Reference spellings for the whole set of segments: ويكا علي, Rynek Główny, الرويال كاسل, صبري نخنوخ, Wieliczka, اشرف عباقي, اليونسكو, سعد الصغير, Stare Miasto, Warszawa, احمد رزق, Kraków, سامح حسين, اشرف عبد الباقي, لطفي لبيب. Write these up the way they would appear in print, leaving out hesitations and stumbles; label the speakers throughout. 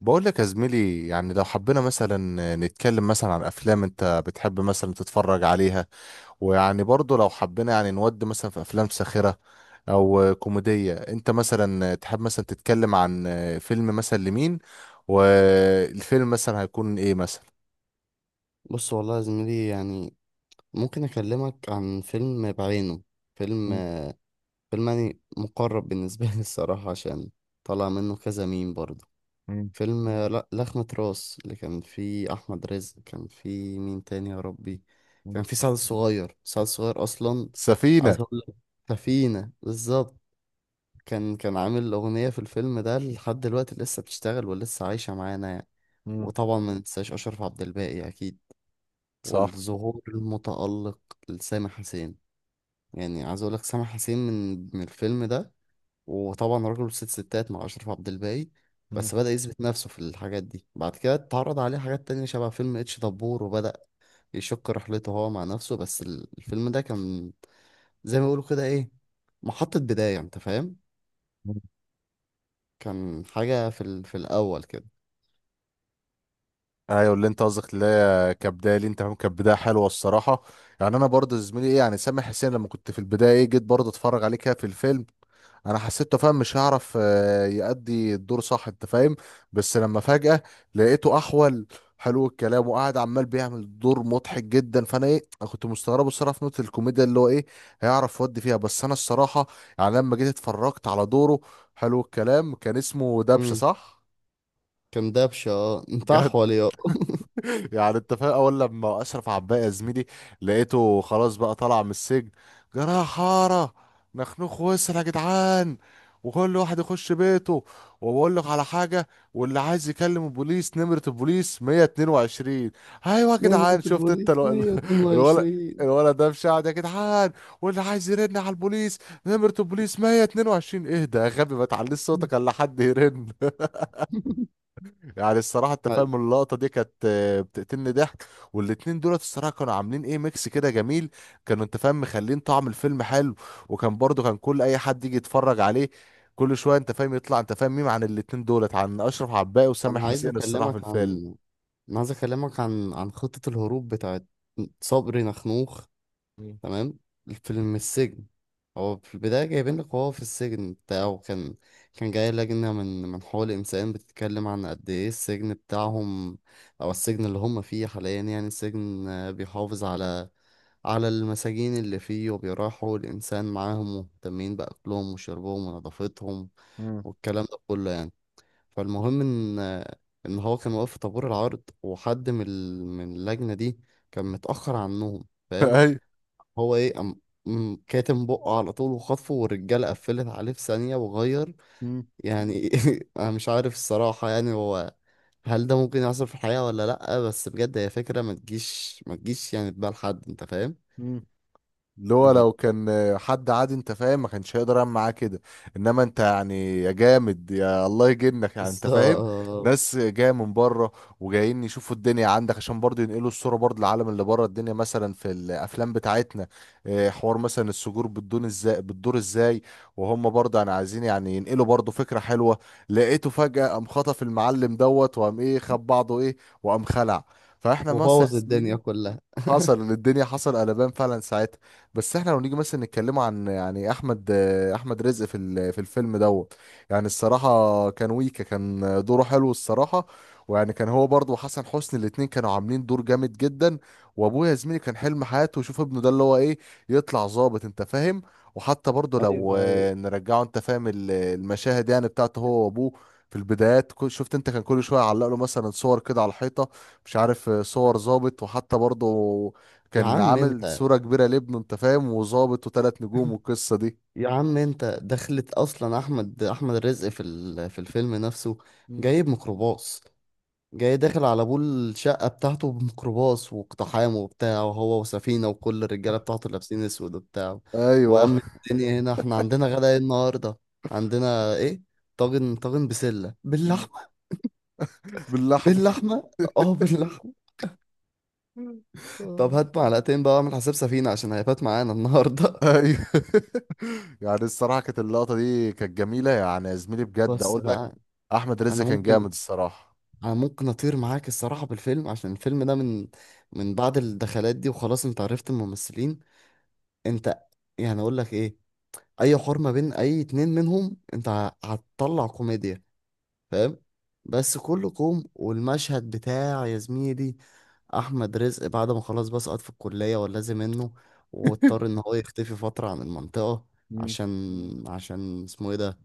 Speaker 1: بقول لك يا زميلي، يعني لو حبينا مثلا نتكلم مثلا عن افلام انت بتحب مثلا تتفرج عليها. ويعني برضو لو حبينا يعني نود مثلا في افلام ساخرة او كوميدية، انت مثلا تحب مثلا تتكلم عن فيلم مثلا لمين؟ والفيلم مثلا هيكون ايه مثلا؟
Speaker 2: بص، والله يا زميلي، يعني ممكن اكلمك عن فيلم بعينه. فيلم
Speaker 1: مم.
Speaker 2: فيلم يعني مقرب بالنسبه لي الصراحه، عشان طلع منه كذا ميم برضه.
Speaker 1: مم.
Speaker 2: فيلم لا لخمة راس، اللي كان فيه احمد رزق. كان فيه مين تاني يا ربي؟
Speaker 1: مم.
Speaker 2: كان فيه سعد الصغير. اصلا
Speaker 1: سفينة.
Speaker 2: عايز اقول لك سفينه بالظبط. كان عامل اغنيه في الفيلم ده، لحد دلوقتي لسه بتشتغل ولسه عايشه معانا يعني.
Speaker 1: مم.
Speaker 2: وطبعا ما ننساش اشرف عبد الباقي اكيد.
Speaker 1: صح.
Speaker 2: والظهور المتألق لسامح حسين، يعني عايز اقول لك سامح حسين من الفيلم ده. وطبعا راجل ست ستات مع اشرف عبد الباقي، بس بدأ يثبت نفسه في الحاجات دي. بعد كده اتعرض عليه حاجات تانية شبه فيلم اتش دبور، وبدأ يشق رحلته هو مع نفسه. بس الفيلم ده كان زي ما بيقولوا كده ايه، محطة بداية، انت فاهم. كان حاجة في الأول كده.
Speaker 1: ايوه، اللي انت قصدك اللي هي كبدايه لي انت فاهم، كانت بدايه حلوه الصراحه. يعني انا برضه زميلي ايه، يعني سامح حسين لما كنت في البدايه ايه جيت برضه اتفرج عليه كده في الفيلم، انا حسيته فاهم مش هيعرف يأدي الدور صح انت فاهم. بس لما فجأة لقيته احول حلو الكلام وقاعد عمال بيعمل دور مضحك جدا، فانا ايه أنا كنت مستغربه الصراحه في نقطه الكوميديا اللي هو ايه هيعرف يودي فيها. بس انا الصراحه يعني لما جيت اتفرجت على دوره حلو الكلام. كان اسمه دبشه
Speaker 2: امم،
Speaker 1: صح؟
Speaker 2: كان دبشة. اه انت
Speaker 1: جدع.
Speaker 2: أحول يا...
Speaker 1: يعني انت فاهم، اول لما اشرف عباقي يا زميلي لقيته خلاص بقى طالع من السجن، جراح حاره نخنوخ وسر يا جدعان وكل واحد يخش بيته، وبقول لك على حاجه، واللي عايز يكلم البوليس نمره البوليس 122. ايوه يا
Speaker 2: نمرة
Speaker 1: جدعان، شفت انت
Speaker 2: البوليس
Speaker 1: الولد.
Speaker 2: 122.
Speaker 1: الولد ده مشاعر يا جدعان، واللي عايز يرن على البوليس نمرة البوليس 122، ايه ده يا غبي ما تعليش صوتك الا حد يرن. يعني الصراحة انت فاهم اللقطة دي كانت بتقتلني ضحك. والاتنين دولت الصراحة كانوا عاملين ايه ميكس كده جميل، كانوا انت فاهم مخلين طعم الفيلم حلو. وكان برضو كل اي حد يجي يتفرج عليه كل شوية انت فاهم يطلع انت فاهم ميم عن الاتنين دولت، عن اشرف عباقي وسامح
Speaker 2: انا عايز
Speaker 1: حسين الصراحة في
Speaker 2: اكلمك
Speaker 1: الفيلم.
Speaker 2: عن انا عايز اكلمك عن عن خطة الهروب بتاعت صبري نخنوخ.
Speaker 1: مم.
Speaker 2: تمام. الفيلم السجن، هو في البداية جايبين لك وهو في السجن بتاعه. كان جاي لجنة من حقوق الإنسان بتتكلم عن قد إيه السجن بتاعهم، أو السجن اللي هم فيه حاليا، يعني السجن آه، بيحافظ على المساجين اللي فيه، وبيراعي حقوق الإنسان معاهم، ومهتمين بأكلهم وشربهم ونظافتهم،
Speaker 1: مم.
Speaker 2: والكلام ده كله يعني. فالمهم ان هو كان واقف في طابور العرض، وحد من اللجنه دي كان متاخر عنهم، فاهم.
Speaker 1: ايوه.
Speaker 2: هو ايه أم أم كاتم بقه على طول وخطفه، والرجاله قفلت عليه في ثانيه وغير،
Speaker 1: مم.
Speaker 2: يعني. انا مش عارف الصراحه، يعني هو، هل ده ممكن يحصل في الحقيقه ولا لا؟ بس بجد هي فكره ما تجيش يعني في بال حد، انت فاهم.
Speaker 1: مم. اللي هو
Speaker 2: هت-
Speaker 1: لو كان حد عادي انت فاهم ما كانش هيقدر يعمل معاه كده، انما انت يعني يا جامد يا الله يجنك يعني انت فاهم.
Speaker 2: بالظبط،
Speaker 1: ناس جايه من بره وجايين يشوفوا الدنيا عندك عشان برضه ينقلوا الصوره برضه للعالم اللي بره، الدنيا مثلا في الافلام بتاعتنا اه، حوار مثلا السجور بتدور ازاي بتدور ازاي، وهم برضه يعني عايزين يعني ينقلوا برضه فكره حلوه. لقيته فجاه قام خطف المعلم دوت وقام ايه خد بعضه ايه وقام خلع، فاحنا مثلا يا
Speaker 2: وبوظ الدنيا
Speaker 1: زميلي
Speaker 2: كلها.
Speaker 1: حصل إن الدنيا حصل قلبان فعلا ساعتها. بس احنا لو نيجي مثلا نتكلم عن يعني احمد رزق في في الفيلم دوت، يعني الصراحه كان ويكا كان دوره حلو الصراحه. ويعني كان هو برضه وحسن حسني الاتنين كانوا عاملين دور جامد جدا. وابويا يا زميلي كان حلم حياته يشوف ابنه ده اللي هو ايه يطلع ظابط انت فاهم. وحتى برضه
Speaker 2: ايوه
Speaker 1: لو
Speaker 2: ايوه.
Speaker 1: نرجعه انت فاهم المشاهد يعني بتاعته هو وابوه، في البدايات شفت انت كان كل شويه يعلق له مثلا صور كده على الحيطه، مش عارف صور ظابط. وحتى برضه
Speaker 2: يا
Speaker 1: كان
Speaker 2: عم
Speaker 1: عامل
Speaker 2: انت
Speaker 1: صورة كبيرة لابنه انت فاهم وظابط وثلاث نجوم والقصة دي.
Speaker 2: يا عم انت دخلت اصلا احمد الرزق في الفيلم نفسه.
Speaker 1: مم.
Speaker 2: جايب ميكروباص، جاي داخل على ابو الشقه بتاعته بميكروباص، واقتحام وبتاع، وهو وسفينه وكل الرجاله بتاعته لابسين اسود وبتاع.
Speaker 1: ايوه.
Speaker 2: وامن الدنيا! هنا احنا عندنا غدا ايه النهارده؟ عندنا ايه؟ طاجن بسله
Speaker 1: مم.
Speaker 2: باللحمه.
Speaker 1: باللحمة.
Speaker 2: باللحمه، اه باللحمه. طب
Speaker 1: آه.
Speaker 2: هات معلقتين بقى، اعمل حساب سفينه عشان هيفات معانا النهارده.
Speaker 1: ايوه. يعني الصراحة كانت اللقطة دي كانت جميلة يعني يا زميلي، بجد
Speaker 2: بس
Speaker 1: اقول لك
Speaker 2: بقى.
Speaker 1: احمد رزق
Speaker 2: انا
Speaker 1: كان جامد
Speaker 2: ممكن
Speaker 1: الصراحة.
Speaker 2: انا ممكن اطير معاك الصراحه بالفيلم، عشان الفيلم ده من بعد الدخلات دي، وخلاص انت عرفت الممثلين. انت، يعني اقول لك ايه، اي حوار ما بين اي اتنين منهم انت هتطلع كوميديا، فاهم. بس كله كوم، والمشهد بتاع يا زميلي احمد رزق بعد ما خلاص بقى سقط في الكليه ولازم منه، واضطر ان هو يختفي فتره عن المنطقه،
Speaker 1: مم.
Speaker 2: عشان اسمه ايه ده،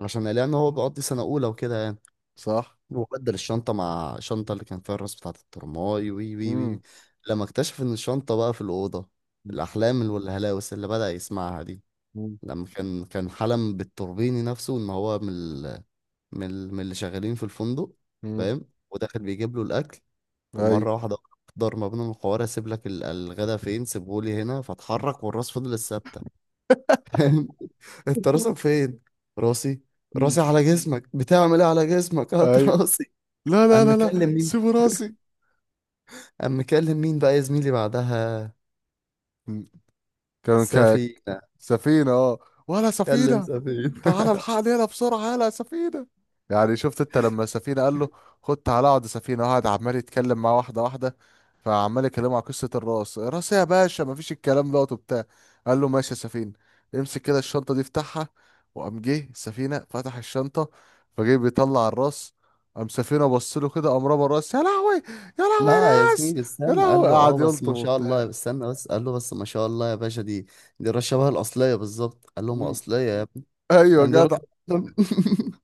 Speaker 2: عشان قال يعني ان هو بيقضي سنه اولى وكده يعني.
Speaker 1: صح.
Speaker 2: وبدل الشنطة مع الشنطة اللي كان فيها الراس بتاعة الترماي، وي وي
Speaker 1: امم.
Speaker 2: وي. لما اكتشف إن الشنطة بقى في الأوضة، الأحلام والهلاوس اللي بدأ يسمعها دي.
Speaker 1: مم.
Speaker 2: لما كان حلم بالتوربيني نفسه إن هو من اللي شغالين في الفندق،
Speaker 1: امم.
Speaker 2: فاهم، وداخل بيجيب له الأكل.
Speaker 1: ايوه.
Speaker 2: ومرة واحدة ضرب ما بينهم الحوار: أسيب لك الغدا فين؟ سيبهولي هنا. فاتحرك والراس فضلت ثابتة، فاهم. أنت راسك فين؟ راسي.
Speaker 1: مم.
Speaker 2: راسي على جسمك، بتعمل إيه على جسمك؟ هات
Speaker 1: ايوه،
Speaker 2: راسي.
Speaker 1: لا لا
Speaker 2: قام
Speaker 1: لا لا
Speaker 2: مكلم مين
Speaker 1: سيبوا راسي.
Speaker 2: قام مكلم مين بقى يا زميلي بعدها؟
Speaker 1: مم. كان.
Speaker 2: سفينة.
Speaker 1: سفينة اه. ولا
Speaker 2: كلم
Speaker 1: سفينة.
Speaker 2: سفينة.
Speaker 1: تعال الحقني هنا بسرعة يلا يا سفينة. يعني شفت انت لما سفينة قال له خد تعالى اقعد يا سفينة، قعد عمال يتكلم معاه واحدة واحدة، فعمال يكلمه على قصة الراس، راس إيه يا باشا مفيش، الكلام دوت وبتاع. قال له ماشي يا سفينة امسك كده الشنطة دي افتحها، وقام جه السفينة فتح الشنطة فجه بيطلع الراس. قام سفينة بص له كده قام رمى الراس، يا لهوي يا لهوي يا
Speaker 2: لا يا
Speaker 1: ناس
Speaker 2: زميلي
Speaker 1: يا
Speaker 2: استنى، قال
Speaker 1: لهوي،
Speaker 2: له
Speaker 1: قعد
Speaker 2: اه بس
Speaker 1: يلطم
Speaker 2: ما شاء الله
Speaker 1: وبتاع.
Speaker 2: استنى بس، قال له بس ما شاء الله يا باشا، دي راس شبه الأصلية بالظبط. قال له ما
Speaker 1: مم.
Speaker 2: أصلية يا ابني،
Speaker 1: ايوه
Speaker 2: يعني دي راس
Speaker 1: جدع.
Speaker 2: بني آدم.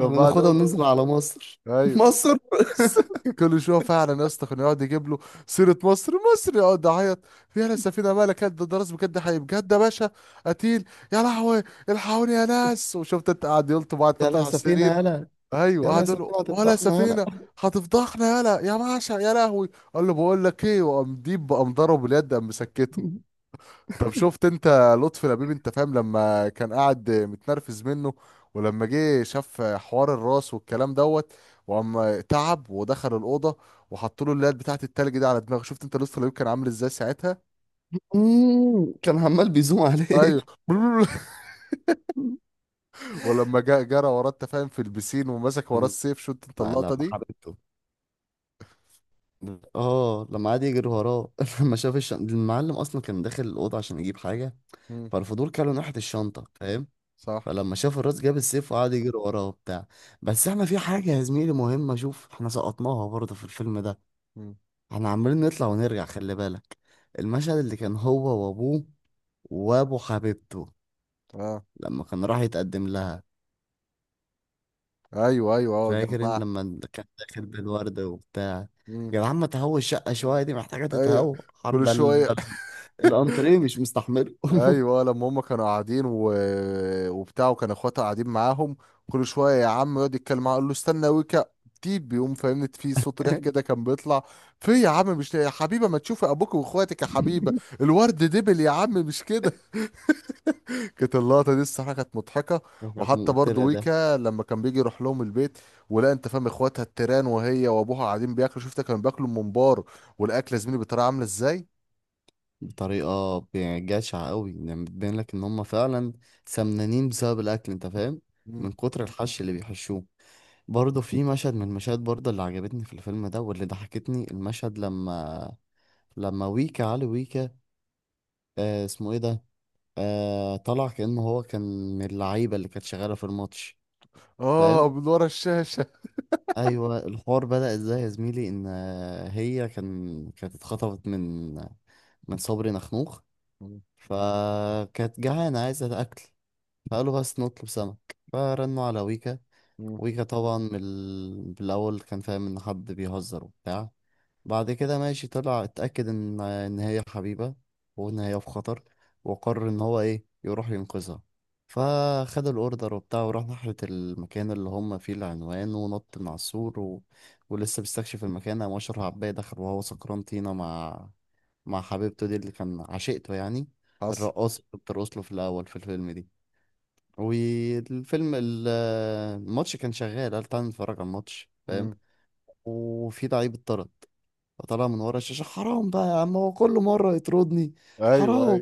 Speaker 2: احنا
Speaker 1: قعد
Speaker 2: ناخدها
Speaker 1: يقول له،
Speaker 2: وننزل على مصر.
Speaker 1: ايوه.
Speaker 2: مصر.
Speaker 1: كل شويه فعلا يا اسطى كان يقعد يجيب له سيره مصر، مصر يقعد يعيط فيها السفينه، مالك قد ده، راس بجد حقيقي بجد يا باشا قتيل، يا لهوي الحقوني يا ناس. وشفت انت قاعد يلطم بعد
Speaker 2: يلا
Speaker 1: تطلع
Speaker 2: يا
Speaker 1: على
Speaker 2: سفينة
Speaker 1: السرير.
Speaker 2: يلا،
Speaker 1: ايوه
Speaker 2: يلا يا
Speaker 1: قعد يقول له
Speaker 2: سفينة
Speaker 1: ولا
Speaker 2: هتفضحنا
Speaker 1: سفينه،
Speaker 2: يلا.
Speaker 1: هتفضحنا يلا يا باشا يا لهوي. قال له بقول لك ايه، وقام ديب قام ضربه باليد قام مسكته. طب شفت انت لطفي لبيب انت فاهم لما كان قاعد متنرفز منه، ولما جه شاف حوار الراس والكلام دوت، وقام تعب ودخل الأوضة وحط له اللات بتاعت التلج دي على دماغه، شفت انت لطفي لبيب كان عامل ازاي ساعتها.
Speaker 2: مم. كان عمال بيزوم عليه.
Speaker 1: ايوه. ولما جاء جرى وراه انت فاهم في البسين ومسك وراه السيف، شفت انت اللقطة
Speaker 2: لما
Speaker 1: دي.
Speaker 2: حبيبته، اه لما قعد يجري وراه. لما شاف المعلم اصلا كان داخل الاوضه عشان يجيب حاجه،
Speaker 1: مم.
Speaker 2: فالفضول كان من ناحية الشنطة، فاهم.
Speaker 1: صح.
Speaker 2: فلما شاف الراس جاب السيف وقعد يجري وراه وبتاع. بس احنا في حاجة يا زميلي مهمة، شوف، احنا سقطناها برضه في الفيلم ده.
Speaker 1: مم.
Speaker 2: احنا عمالين نطلع ونرجع، خلي بالك. المشهد اللي كان هو وابوه وابو حبيبته،
Speaker 1: اه.
Speaker 2: لما كان راح يتقدم لها.
Speaker 1: ايوه ايوه اه
Speaker 2: فاكر انت
Speaker 1: جمع.
Speaker 2: لما كان داخل بالورد وبتاع؟
Speaker 1: مم.
Speaker 2: يا جدعان ما تهوي الشقة شوية، دي محتاجة
Speaker 1: ايوه
Speaker 2: تتهوى.
Speaker 1: كل
Speaker 2: حد ده
Speaker 1: شوية.
Speaker 2: الأنتريه مش مستحمله.
Speaker 1: ايوه لما هم كانوا قاعدين و... وبتاع، وكان اخواتها قاعدين معاهم، كل شويه يا عم يقعد يتكلم معاه يقول له استنى ويكا، تيب بيقوم فاهمني في صوت ريح كده كان بيطلع، في يا عم مش يا حبيبه ما تشوفي ابوك واخواتك يا حبيبه الورد دبل يا عم مش كده. كانت اللقطه دي الصراحه كانت مضحكه.
Speaker 2: كانت
Speaker 1: وحتى برضه
Speaker 2: مقتلة ده،
Speaker 1: ويكا لما كان بيجي يروح لهم البيت، ولا انت فاهم اخواتها التيران وهي وابوها قاعدين بياكلوا، شفت كانوا بياكلوا الممبار والاكله زميلي بتراعي عامله ازاي.
Speaker 2: بطريقة يعني جشعة قوي. يعني بتبين لك ان هم فعلا سمنانين بسبب الاكل، انت فاهم،
Speaker 1: مم.
Speaker 2: من كتر الحش اللي بيحشوه. برضه في مشهد من المشاهد برضه اللي عجبتني في الفيلم ده واللي ضحكتني، المشهد لما ويكا، علي ويكا، آه اسمه ايه ده، آه، طلع كأنه هو كان من اللعيبة اللي كانت شغالة في الماتش،
Speaker 1: اه
Speaker 2: فاهم.
Speaker 1: من ورا الشاشه.
Speaker 2: ايوه، الحوار بدأ ازاي يا زميلي؟ ان آه، هي كانت اتخطفت من صبري نخنوخ،
Speaker 1: مم.
Speaker 2: فكانت جعانة عايزة أكل، فقالوا بس نطلب سمك، فرنوا على ويكا.
Speaker 1: مم.
Speaker 2: ويكا طبعا بالأول كان فاهم إن حد بيهزر وبتاع. بعد كده ماشي، طلع اتأكد إن هي حبيبة، وإن هي في خطر، وقرر إن هو إيه يروح ينقذها. فخد الأوردر وبتاع، وراح ناحية المكان اللي هم فيه العنوان، ونط من على السور ولسه بيستكشف المكان. قام أشرف عباية دخل وهو سكران طينة مع حبيبته دي اللي كان عشيقته يعني،
Speaker 1: حصل.
Speaker 2: الرقاصة اللي بترقص له في الأول في الفيلم دي. والفيلم ال- الماتش كان شغال. قال تعالى نتفرج على الماتش، فاهم.
Speaker 1: مم.
Speaker 2: وفي لعيب اتطرد، فطلع من ورا الشاشة: حرام بقى يا عم، هو كل مرة يطردني،
Speaker 1: ايوه اي.
Speaker 2: حرام.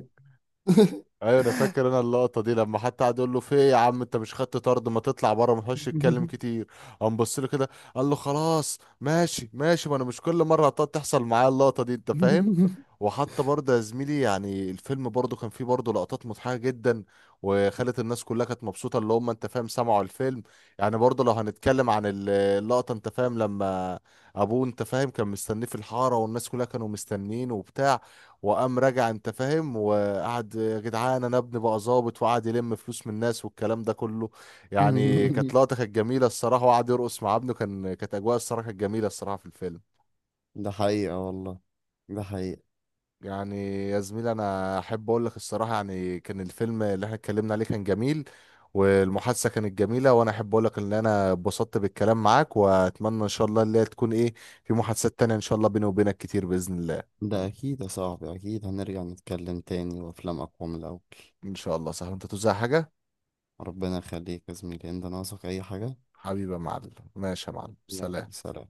Speaker 1: ايوه انا فاكر انا اللقطه دي لما حتى قعد يقول له في ايه يا عم انت مش خدت طرد، ما تطلع بره ما تخش تتكلم كتير، قام بص له كده قال له خلاص ماشي ماشي، ما انا مش كل مره هتقعد تحصل معايا اللقطه دي انت فاهم. وحتى برضه يا زميلي يعني الفيلم برضه كان فيه برضه لقطات مضحكه جدا وخلت الناس كلها كانت مبسوطه اللي هم انت فاهم سمعوا الفيلم. يعني برضه لو هنتكلم عن اللقطه انت فاهم لما ابوه انت فاهم كان مستنيه في الحاره والناس كلها كانوا مستنيين وبتاع، وقام راجع انت فاهم قعد يا جدعان انا ابني بقى ظابط، وقعد يلم فلوس من الناس والكلام ده كله. يعني كانت لقطه كانت جميله الصراحه، وقعد يرقص مع ابنه، كان كانت اجواء الصراحه كانت جميله الصراحه في الفيلم.
Speaker 2: ده حقيقة والله، ده حقيقة.
Speaker 1: يعني يا زميلي انا احب اقول لك الصراحه يعني كان الفيلم اللي احنا اتكلمنا عليه كان جميل، والمحادثه كانت جميله، وانا احب اقول لك ان انا اتبسطت بالكلام معاك واتمنى ان شاء الله اللي هي تكون ايه في محادثات تانية ان شاء الله بيني وبينك كتير باذن الله.
Speaker 2: ده أكيد يا صاحبي، أكيد هنرجع نتكلم تاني، وأفلام أقوى من الأول.
Speaker 1: ان شاء الله صح، انت توزع حاجه.
Speaker 2: ربنا يخليك يا زميلي، أنت ناقصك أي حاجة؟
Speaker 1: حبيبي يا معلم. ماشي يا معلم
Speaker 2: يلا
Speaker 1: سلام.
Speaker 2: سلام.